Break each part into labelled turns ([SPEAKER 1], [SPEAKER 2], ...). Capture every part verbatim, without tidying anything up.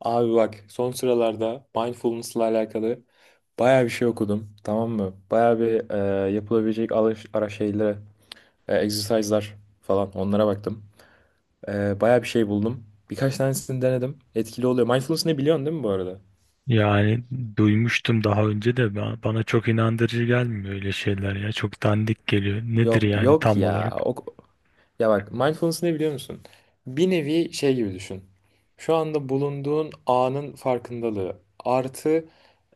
[SPEAKER 1] Abi bak son sıralarda mindfulness'la alakalı bayağı bir şey okudum, tamam mı? Bayağı bir e, yapılabilecek alış, ara şeylere, e, exercise'lar falan onlara baktım. E, bayağı bir şey buldum. Birkaç tanesini denedim. Etkili oluyor. Mindfulness ne, biliyorsun değil mi bu arada?
[SPEAKER 2] Yani duymuştum daha önce de ba- bana çok inandırıcı gelmiyor öyle şeyler ya. Çok dandik geliyor. Nedir
[SPEAKER 1] Yok
[SPEAKER 2] yani
[SPEAKER 1] yok
[SPEAKER 2] tam
[SPEAKER 1] ya.
[SPEAKER 2] olarak?
[SPEAKER 1] O, ya bak mindfulness ne, biliyor musun? Bir nevi şey gibi düşün. Şu anda bulunduğun anın farkındalığı artı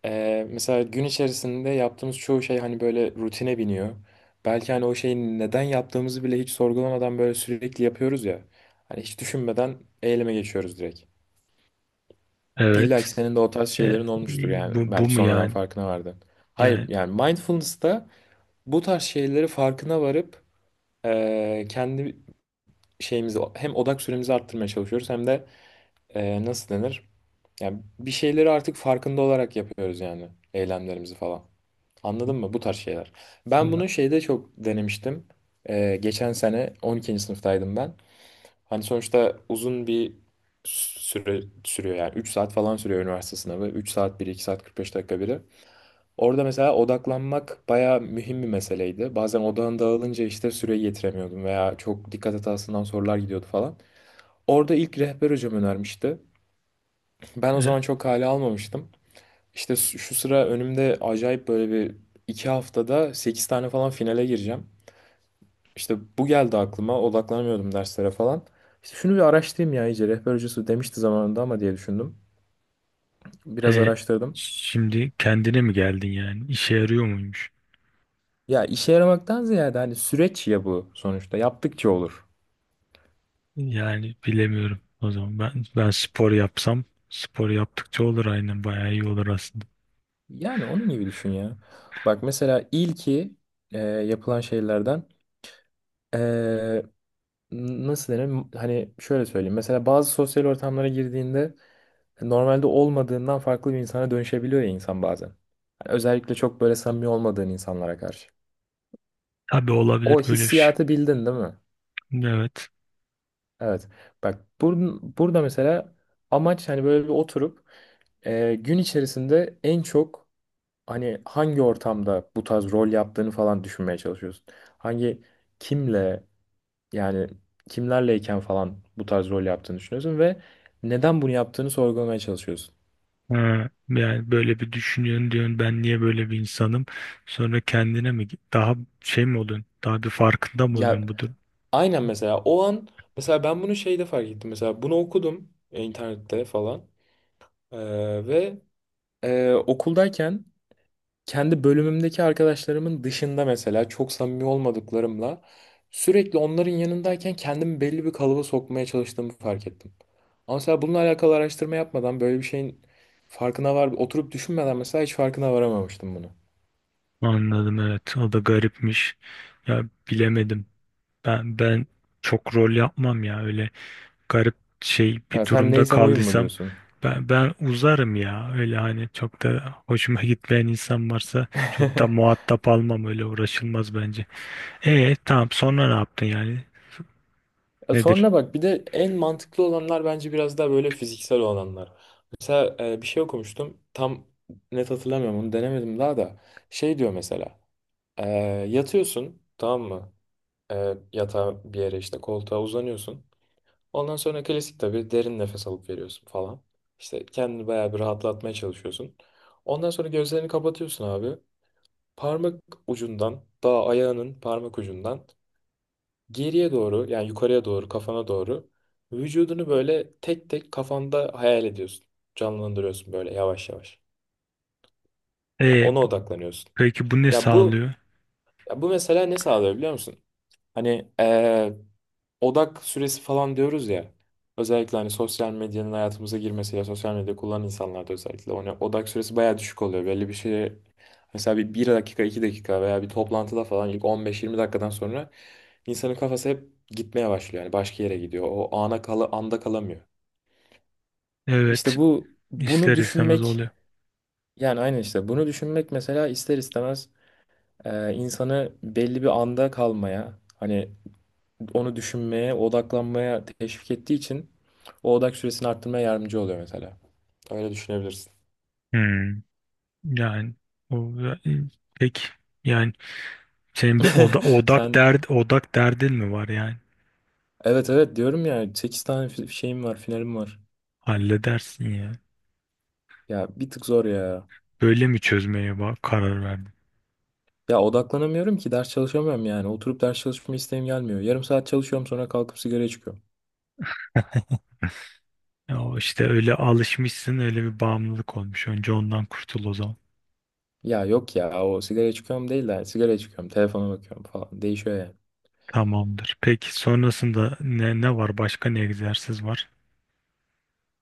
[SPEAKER 1] Ee, mesela gün içerisinde yaptığımız çoğu şey hani böyle rutine biniyor. Belki hani o şeyi neden yaptığımızı bile hiç sorgulamadan böyle sürekli yapıyoruz ya. Hani hiç düşünmeden eyleme geçiyoruz direkt. İlla ki
[SPEAKER 2] Evet.
[SPEAKER 1] senin de o tarz
[SPEAKER 2] E, e,
[SPEAKER 1] şeylerin olmuştur yani.
[SPEAKER 2] bu, bu
[SPEAKER 1] Belki
[SPEAKER 2] mu
[SPEAKER 1] sonradan
[SPEAKER 2] yani?
[SPEAKER 1] farkına vardın. Hayır,
[SPEAKER 2] Yani
[SPEAKER 1] yani mindfulness'ta bu tarz şeyleri farkına varıp e, kendi şeyimizi, hem odak süremizi arttırmaya çalışıyoruz hem de e, nasıl denir? Yani bir şeyleri artık farkında olarak yapıyoruz, yani eylemlerimizi falan. Anladın mı? Bu tarz şeyler. Ben
[SPEAKER 2] ya,
[SPEAKER 1] bunu şeyde çok denemiştim. E, geçen sene on ikinci sınıftaydım ben. Hani sonuçta uzun bir süre sürüyor, yani üç saat falan sürüyor üniversite sınavı. üç saat bir iki saat kırk beş dakika biri. Orada mesela odaklanmak bayağı mühim bir meseleydi. Bazen odağın dağılınca işte süreyi yetiremiyordum veya çok dikkat hatasından sorular gidiyordu falan. Orada ilk rehber hocam önermişti. Ben o zaman çok hale almamıştım. İşte s- şu sıra önümde acayip böyle bir iki haftada sekiz tane falan finale gireceğim. İşte bu geldi aklıma, odaklanamıyordum derslere falan. İşte şunu bir araştırayım ya iyice, rehber hocası demişti zamanında ama, diye düşündüm.
[SPEAKER 2] e,
[SPEAKER 1] Biraz
[SPEAKER 2] e,
[SPEAKER 1] araştırdım.
[SPEAKER 2] Şimdi kendine mi geldin yani? İşe yarıyor muymuş?
[SPEAKER 1] Ya işe yaramaktan ziyade hani süreç ya bu, sonuçta yaptıkça olur.
[SPEAKER 2] Yani bilemiyorum. O zaman ben ben spor yapsam, spor yaptıkça olur aynen, bayağı iyi olur aslında.
[SPEAKER 1] Yani onun gibi düşün ya. Bak mesela ilki e, yapılan şeylerden e, n- nasıl denir? Hani şöyle söyleyeyim. Mesela bazı sosyal ortamlara girdiğinde e, normalde olmadığından farklı bir insana dönüşebiliyor ya insan bazen. Hani özellikle çok böyle samimi olmadığın insanlara karşı.
[SPEAKER 2] Tabii, olabilir
[SPEAKER 1] O
[SPEAKER 2] böyle bir şey.
[SPEAKER 1] hissiyatı bildin değil mi?
[SPEAKER 2] Evet.
[SPEAKER 1] Evet. Bak bur- burada mesela amaç hani böyle bir oturup e, gün içerisinde en çok hani hangi ortamda bu tarz rol yaptığını falan düşünmeye çalışıyorsun. Hangi kimle, yani kimlerleyken falan bu tarz rol yaptığını düşünüyorsun ve neden bunu yaptığını sorgulamaya çalışıyorsun.
[SPEAKER 2] Ha, yani böyle bir düşünüyorsun diyorsun, ben niye böyle bir insanım? Sonra kendine mi daha şey mi oluyorsun? Daha bir farkında mı
[SPEAKER 1] Ya
[SPEAKER 2] oluyorsun bu durum?
[SPEAKER 1] aynen, mesela o an mesela ben bunu şeyde fark ettim. Mesela bunu okudum e, internette falan. Ee, ve e, okuldayken kendi bölümümdeki arkadaşlarımın dışında mesela çok samimi olmadıklarımla sürekli onların yanındayken kendimi belli bir kalıba sokmaya çalıştığımı fark ettim. Ama mesela bununla alakalı araştırma yapmadan böyle bir şeyin farkına var, oturup düşünmeden mesela hiç farkına varamamıştım bunu.
[SPEAKER 2] Anladım, evet. O da garipmiş. Ya bilemedim. Ben ben çok rol yapmam ya öyle. Garip şey, bir
[SPEAKER 1] Ya sen
[SPEAKER 2] durumda
[SPEAKER 1] neysem oyun mu
[SPEAKER 2] kaldıysam
[SPEAKER 1] diyorsun?
[SPEAKER 2] ben, ben uzarım ya. Öyle hani çok da hoşuma gitmeyen insan varsa çok da muhatap almam, öyle uğraşılmaz bence. E tamam, sonra ne yaptın yani?
[SPEAKER 1] Ya
[SPEAKER 2] Nedir?
[SPEAKER 1] sonra bak bir de en mantıklı olanlar bence biraz daha böyle fiziksel olanlar. Mesela e, bir şey okumuştum. Tam net hatırlamıyorum, onu denemedim daha da. Şey diyor mesela. e, Yatıyorsun, tamam mı? E, yatağa bir yere, işte koltuğa uzanıyorsun. Ondan sonra klasik tabii derin nefes alıp veriyorsun falan. İşte kendini bayağı bir rahatlatmaya çalışıyorsun. Ondan sonra gözlerini kapatıyorsun abi. Parmak ucundan, daha ayağının parmak ucundan geriye doğru, yani yukarıya doğru, kafana doğru vücudunu böyle tek tek kafanda hayal ediyorsun. Canlandırıyorsun böyle yavaş yavaş. Yani
[SPEAKER 2] E
[SPEAKER 1] ona odaklanıyorsun.
[SPEAKER 2] peki bu ne
[SPEAKER 1] Ya bu,
[SPEAKER 2] sağlıyor?
[SPEAKER 1] ya bu mesela ne sağlıyor, biliyor musun? Hani eee, odak süresi falan diyoruz ya. Özellikle hani sosyal medyanın hayatımıza girmesiyle sosyal medya kullanan insanlarda özellikle ona odak süresi bayağı düşük oluyor. Belli bir şeye mesela bir, bir dakika iki dakika veya bir toplantıda falan ilk on beş yirmi dakikadan sonra insanın kafası hep gitmeye başlıyor. Yani başka yere gidiyor. O ana kala, anda kalamıyor.
[SPEAKER 2] Evet,
[SPEAKER 1] İşte bu, bunu
[SPEAKER 2] ister istemez
[SPEAKER 1] düşünmek,
[SPEAKER 2] oluyor.
[SPEAKER 1] yani aynı işte bunu düşünmek mesela ister istemez e, insanı belli bir anda kalmaya, hani onu düşünmeye, odaklanmaya teşvik ettiği için o odak süresini arttırmaya yardımcı oluyor mesela. Öyle düşünebilirsin.
[SPEAKER 2] Hmm. Yani o peki yani senin bir oda, odak
[SPEAKER 1] Sen,
[SPEAKER 2] derd odak derdin mi var yani?
[SPEAKER 1] evet evet diyorum ya, sekiz tane fi- şeyim var, finalim var.
[SPEAKER 2] Halledersin ya.
[SPEAKER 1] Ya bir tık zor ya.
[SPEAKER 2] Böyle mi çözmeye bak karar verdin?
[SPEAKER 1] Ya odaklanamıyorum ki, ders çalışamıyorum yani. Oturup ders çalışma isteğim gelmiyor. Yarım saat çalışıyorum, sonra kalkıp sigaraya çıkıyorum.
[SPEAKER 2] Ya o işte, öyle alışmışsın, öyle bir bağımlılık olmuş. Önce ondan kurtul o zaman.
[SPEAKER 1] Ya yok ya, o sigaraya çıkıyorum değil de hani sigaraya çıkıyorum, telefona bakıyorum falan. Değişiyor yani.
[SPEAKER 2] Tamamdır. Peki sonrasında ne, ne var? Başka ne egzersiz var?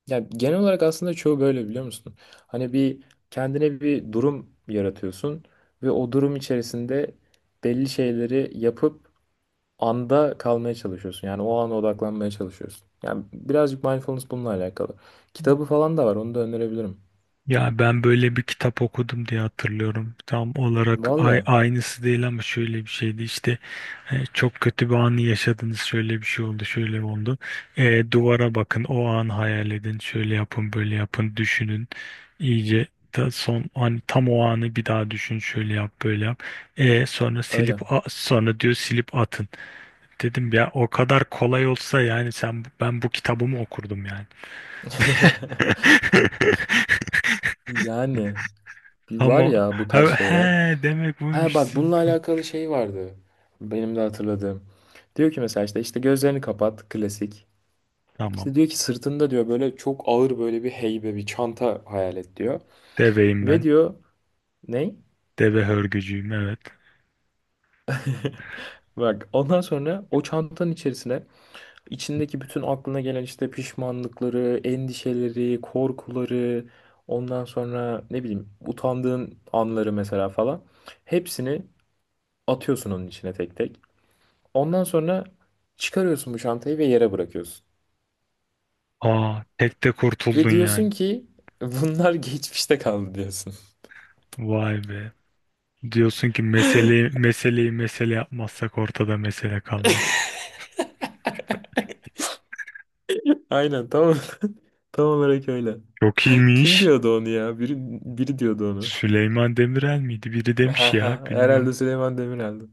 [SPEAKER 1] Ya genel olarak aslında çoğu böyle, biliyor musun? Hani bir kendine bir durum yaratıyorsun ve o durum içerisinde belli şeyleri yapıp anda kalmaya çalışıyorsun. Yani o ana odaklanmaya çalışıyorsun. Yani birazcık mindfulness bununla alakalı. Kitabı falan da var, onu da önerebilirim.
[SPEAKER 2] Ya ben böyle bir kitap okudum diye hatırlıyorum. Tam olarak
[SPEAKER 1] Valla
[SPEAKER 2] ay, aynısı değil ama şöyle bir şeydi işte. E, çok kötü bir anı yaşadınız. Şöyle bir şey oldu, şöyle oldu. E, duvara bakın, o an hayal edin. Şöyle yapın, böyle yapın, düşünün. İyice ta son an, tam o anı bir daha düşün. Şöyle yap, böyle yap. E, sonra
[SPEAKER 1] öyle.
[SPEAKER 2] silip a- sonra diyor silip atın. Dedim ya, o kadar kolay olsa yani sen ben bu kitabımı okurdum yani.
[SPEAKER 1] Yani bir var
[SPEAKER 2] Ama
[SPEAKER 1] ya bu tarz
[SPEAKER 2] he, he,
[SPEAKER 1] şeyler.
[SPEAKER 2] demek
[SPEAKER 1] Ha
[SPEAKER 2] buymuş.
[SPEAKER 1] bak bununla alakalı şey vardı. Benim de hatırladığım. Diyor ki mesela, işte işte gözlerini kapat klasik.
[SPEAKER 2] Tamam.
[SPEAKER 1] İşte diyor ki, sırtında diyor böyle çok ağır böyle bir heybe bir çanta hayal et diyor.
[SPEAKER 2] Deveyim
[SPEAKER 1] Ve
[SPEAKER 2] ben.
[SPEAKER 1] diyor ne?
[SPEAKER 2] Deve hörgücüyüm, evet.
[SPEAKER 1] Bak, ondan sonra o çantanın içerisine içindeki bütün aklına gelen işte pişmanlıkları, endişeleri, korkuları, ondan sonra ne bileyim utandığın anları mesela falan hepsini atıyorsun onun içine tek tek. Ondan sonra çıkarıyorsun bu çantayı ve yere bırakıyorsun.
[SPEAKER 2] Aa, tek de
[SPEAKER 1] Ve
[SPEAKER 2] kurtuldun yani.
[SPEAKER 1] diyorsun ki bunlar geçmişte kaldı diyorsun.
[SPEAKER 2] Vay be. Diyorsun ki meseleyi meseleyi mesele yapmazsak ortada mesele kalmaz.
[SPEAKER 1] Aynen, tamam, tam olarak öyle.
[SPEAKER 2] Çok
[SPEAKER 1] Kim
[SPEAKER 2] iyiymiş.
[SPEAKER 1] diyordu onu ya? Biri, biri diyordu onu.
[SPEAKER 2] Süleyman Demirel miydi? Biri demiş
[SPEAKER 1] Ha
[SPEAKER 2] ya,
[SPEAKER 1] ha.
[SPEAKER 2] bilmiyorum.
[SPEAKER 1] Herhalde Süleyman Demirel'di.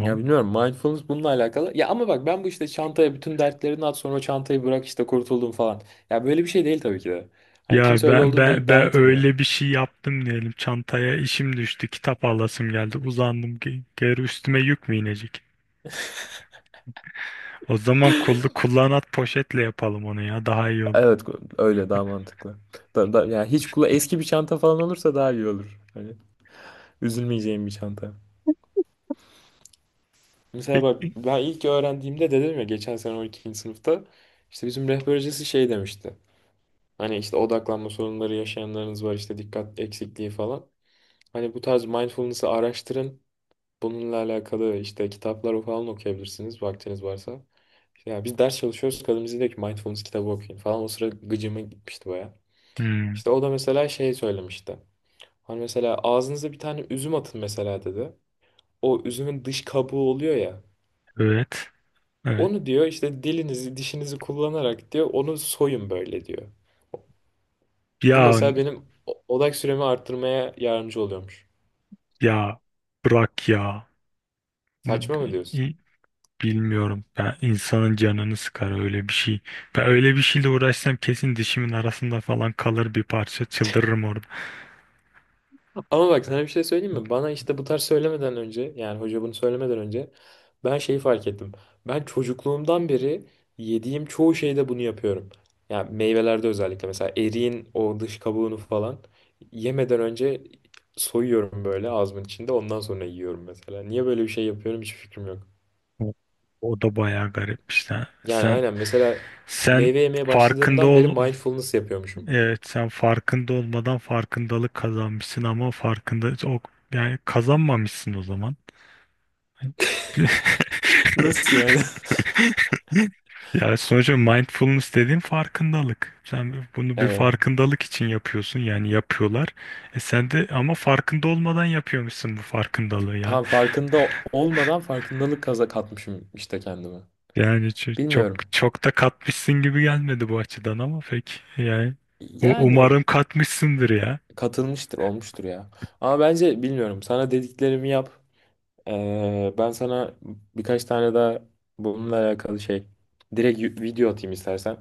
[SPEAKER 1] Ya bilmiyorum, mindfulness bununla alakalı. Ya ama bak ben bu işte çantaya bütün dertlerini at, sonra çantayı bırak işte kurtuldum falan. Ya böyle bir şey değil tabii ki de. Hani
[SPEAKER 2] Ya
[SPEAKER 1] kimse öyle
[SPEAKER 2] ben
[SPEAKER 1] olduğunu da
[SPEAKER 2] ben
[SPEAKER 1] iddia
[SPEAKER 2] ben
[SPEAKER 1] etmiyor.
[SPEAKER 2] öyle bir şey yaptım diyelim. Çantaya işim düştü, kitap alasım geldi. Uzandım, ge- geri üstüme yük mü inecek? O zaman kullu kullanat poşetle yapalım onu ya. Daha iyi olur.
[SPEAKER 1] Evet, öyle daha mantıklı. Da, da, yani hiç kula eski bir çanta falan olursa daha iyi olur. Hani üzülmeyeceğim bir çanta. Mesela bak
[SPEAKER 2] Peki.
[SPEAKER 1] ben ilk öğrendiğimde dedim ya, geçen sene on ikinci sınıfta işte bizim rehber hocası şey demişti. Hani işte odaklanma sorunları yaşayanlarınız var, işte dikkat eksikliği falan. Hani bu tarz mindfulness'ı araştırın. Bununla alakalı işte kitaplar falan okuyabilirsiniz vaktiniz varsa. İşte ya biz ders çalışıyoruz, kadın bize diyor ki mindfulness kitabı okuyun falan. O sıra gıcıma gitmişti baya.
[SPEAKER 2] Hmm,
[SPEAKER 1] İşte o da mesela şey söylemişti. Hani mesela ağzınıza bir tane üzüm atın mesela, dedi. O üzümün dış kabuğu oluyor ya.
[SPEAKER 2] evet. Evet.
[SPEAKER 1] Onu diyor işte dilinizi dişinizi kullanarak diyor onu soyun böyle diyor. Bu
[SPEAKER 2] Ya
[SPEAKER 1] mesela benim o- odak süremi arttırmaya yardımcı oluyormuş.
[SPEAKER 2] ya bırak ya. Ne-
[SPEAKER 1] Saçma mı diyorsun?
[SPEAKER 2] bi- Bilmiyorum. Ya insanın canını sıkar öyle bir şey. Ben öyle bir şeyle uğraşsam kesin dişimin arasında falan kalır bir parça. Çıldırırım orada.
[SPEAKER 1] Ama bak sana bir şey söyleyeyim mi? Bana işte bu tarz söylemeden önce, yani hoca bunu söylemeden önce ben şeyi fark ettim. Ben çocukluğumdan beri yediğim çoğu şeyde bunu yapıyorum. Yani meyvelerde özellikle mesela eriğin o dış kabuğunu falan yemeden önce soyuyorum böyle ağzımın içinde, ondan sonra yiyorum mesela. Niye böyle bir şey yapıyorum hiç fikrim yok.
[SPEAKER 2] O, o da bayağı garip işte.
[SPEAKER 1] Yani
[SPEAKER 2] Sen
[SPEAKER 1] aynen, mesela
[SPEAKER 2] sen
[SPEAKER 1] meyve yemeye
[SPEAKER 2] farkında
[SPEAKER 1] başladığımdan beri
[SPEAKER 2] ol.
[SPEAKER 1] mindfulness yapıyormuşum.
[SPEAKER 2] Evet, sen farkında olmadan farkındalık kazanmışsın ama farkında o, yani kazanmamışsın o zaman.
[SPEAKER 1] Nasıl yani?
[SPEAKER 2] Yani sonuçta mindfulness dediğin farkındalık. Sen bunu bir
[SPEAKER 1] Evet.
[SPEAKER 2] farkındalık için yapıyorsun, yani yapıyorlar. E sen de ama farkında olmadan yapıyormuşsun bu farkındalığı ya.
[SPEAKER 1] Tam farkında olmadan farkındalık kaza katmışım işte kendime.
[SPEAKER 2] Yani ço- çok
[SPEAKER 1] Bilmiyorum.
[SPEAKER 2] çok da katmışsın gibi gelmedi bu açıdan ama pek, yani u-
[SPEAKER 1] Yani
[SPEAKER 2] umarım katmışsındır ya.
[SPEAKER 1] katılmıştır, olmuştur ya. Ama bence bilmiyorum. Sana dediklerimi yap. Ee, ben sana birkaç tane daha bununla alakalı şey, direkt y- video atayım istersen.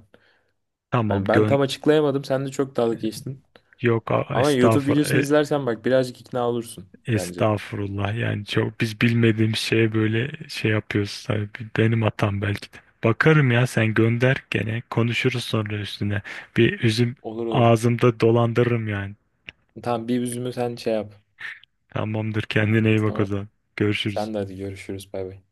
[SPEAKER 2] Tamam,
[SPEAKER 1] Hani ben
[SPEAKER 2] gön
[SPEAKER 1] tam açıklayamadım. Sen de çok dalga geçtin.
[SPEAKER 2] yok, a-
[SPEAKER 1] Ama YouTube videosunu
[SPEAKER 2] estağfurullah.
[SPEAKER 1] izlersen bak birazcık ikna olursun bence.
[SPEAKER 2] Estağfurullah, yani çok biz bilmediğim şeye böyle şey yapıyoruz tabii, benim hatam belki de. Bakarım ya, sen gönder, gene konuşuruz sonra üstüne. Bir üzüm
[SPEAKER 1] Olur olur.
[SPEAKER 2] ağzımda dolandırırım yani.
[SPEAKER 1] Tamam, bir üzümü sen şey yap.
[SPEAKER 2] Tamamdır, kendine iyi bak o
[SPEAKER 1] Tamam.
[SPEAKER 2] zaman. Görüşürüz.
[SPEAKER 1] Sen de hadi görüşürüz. Bay bay.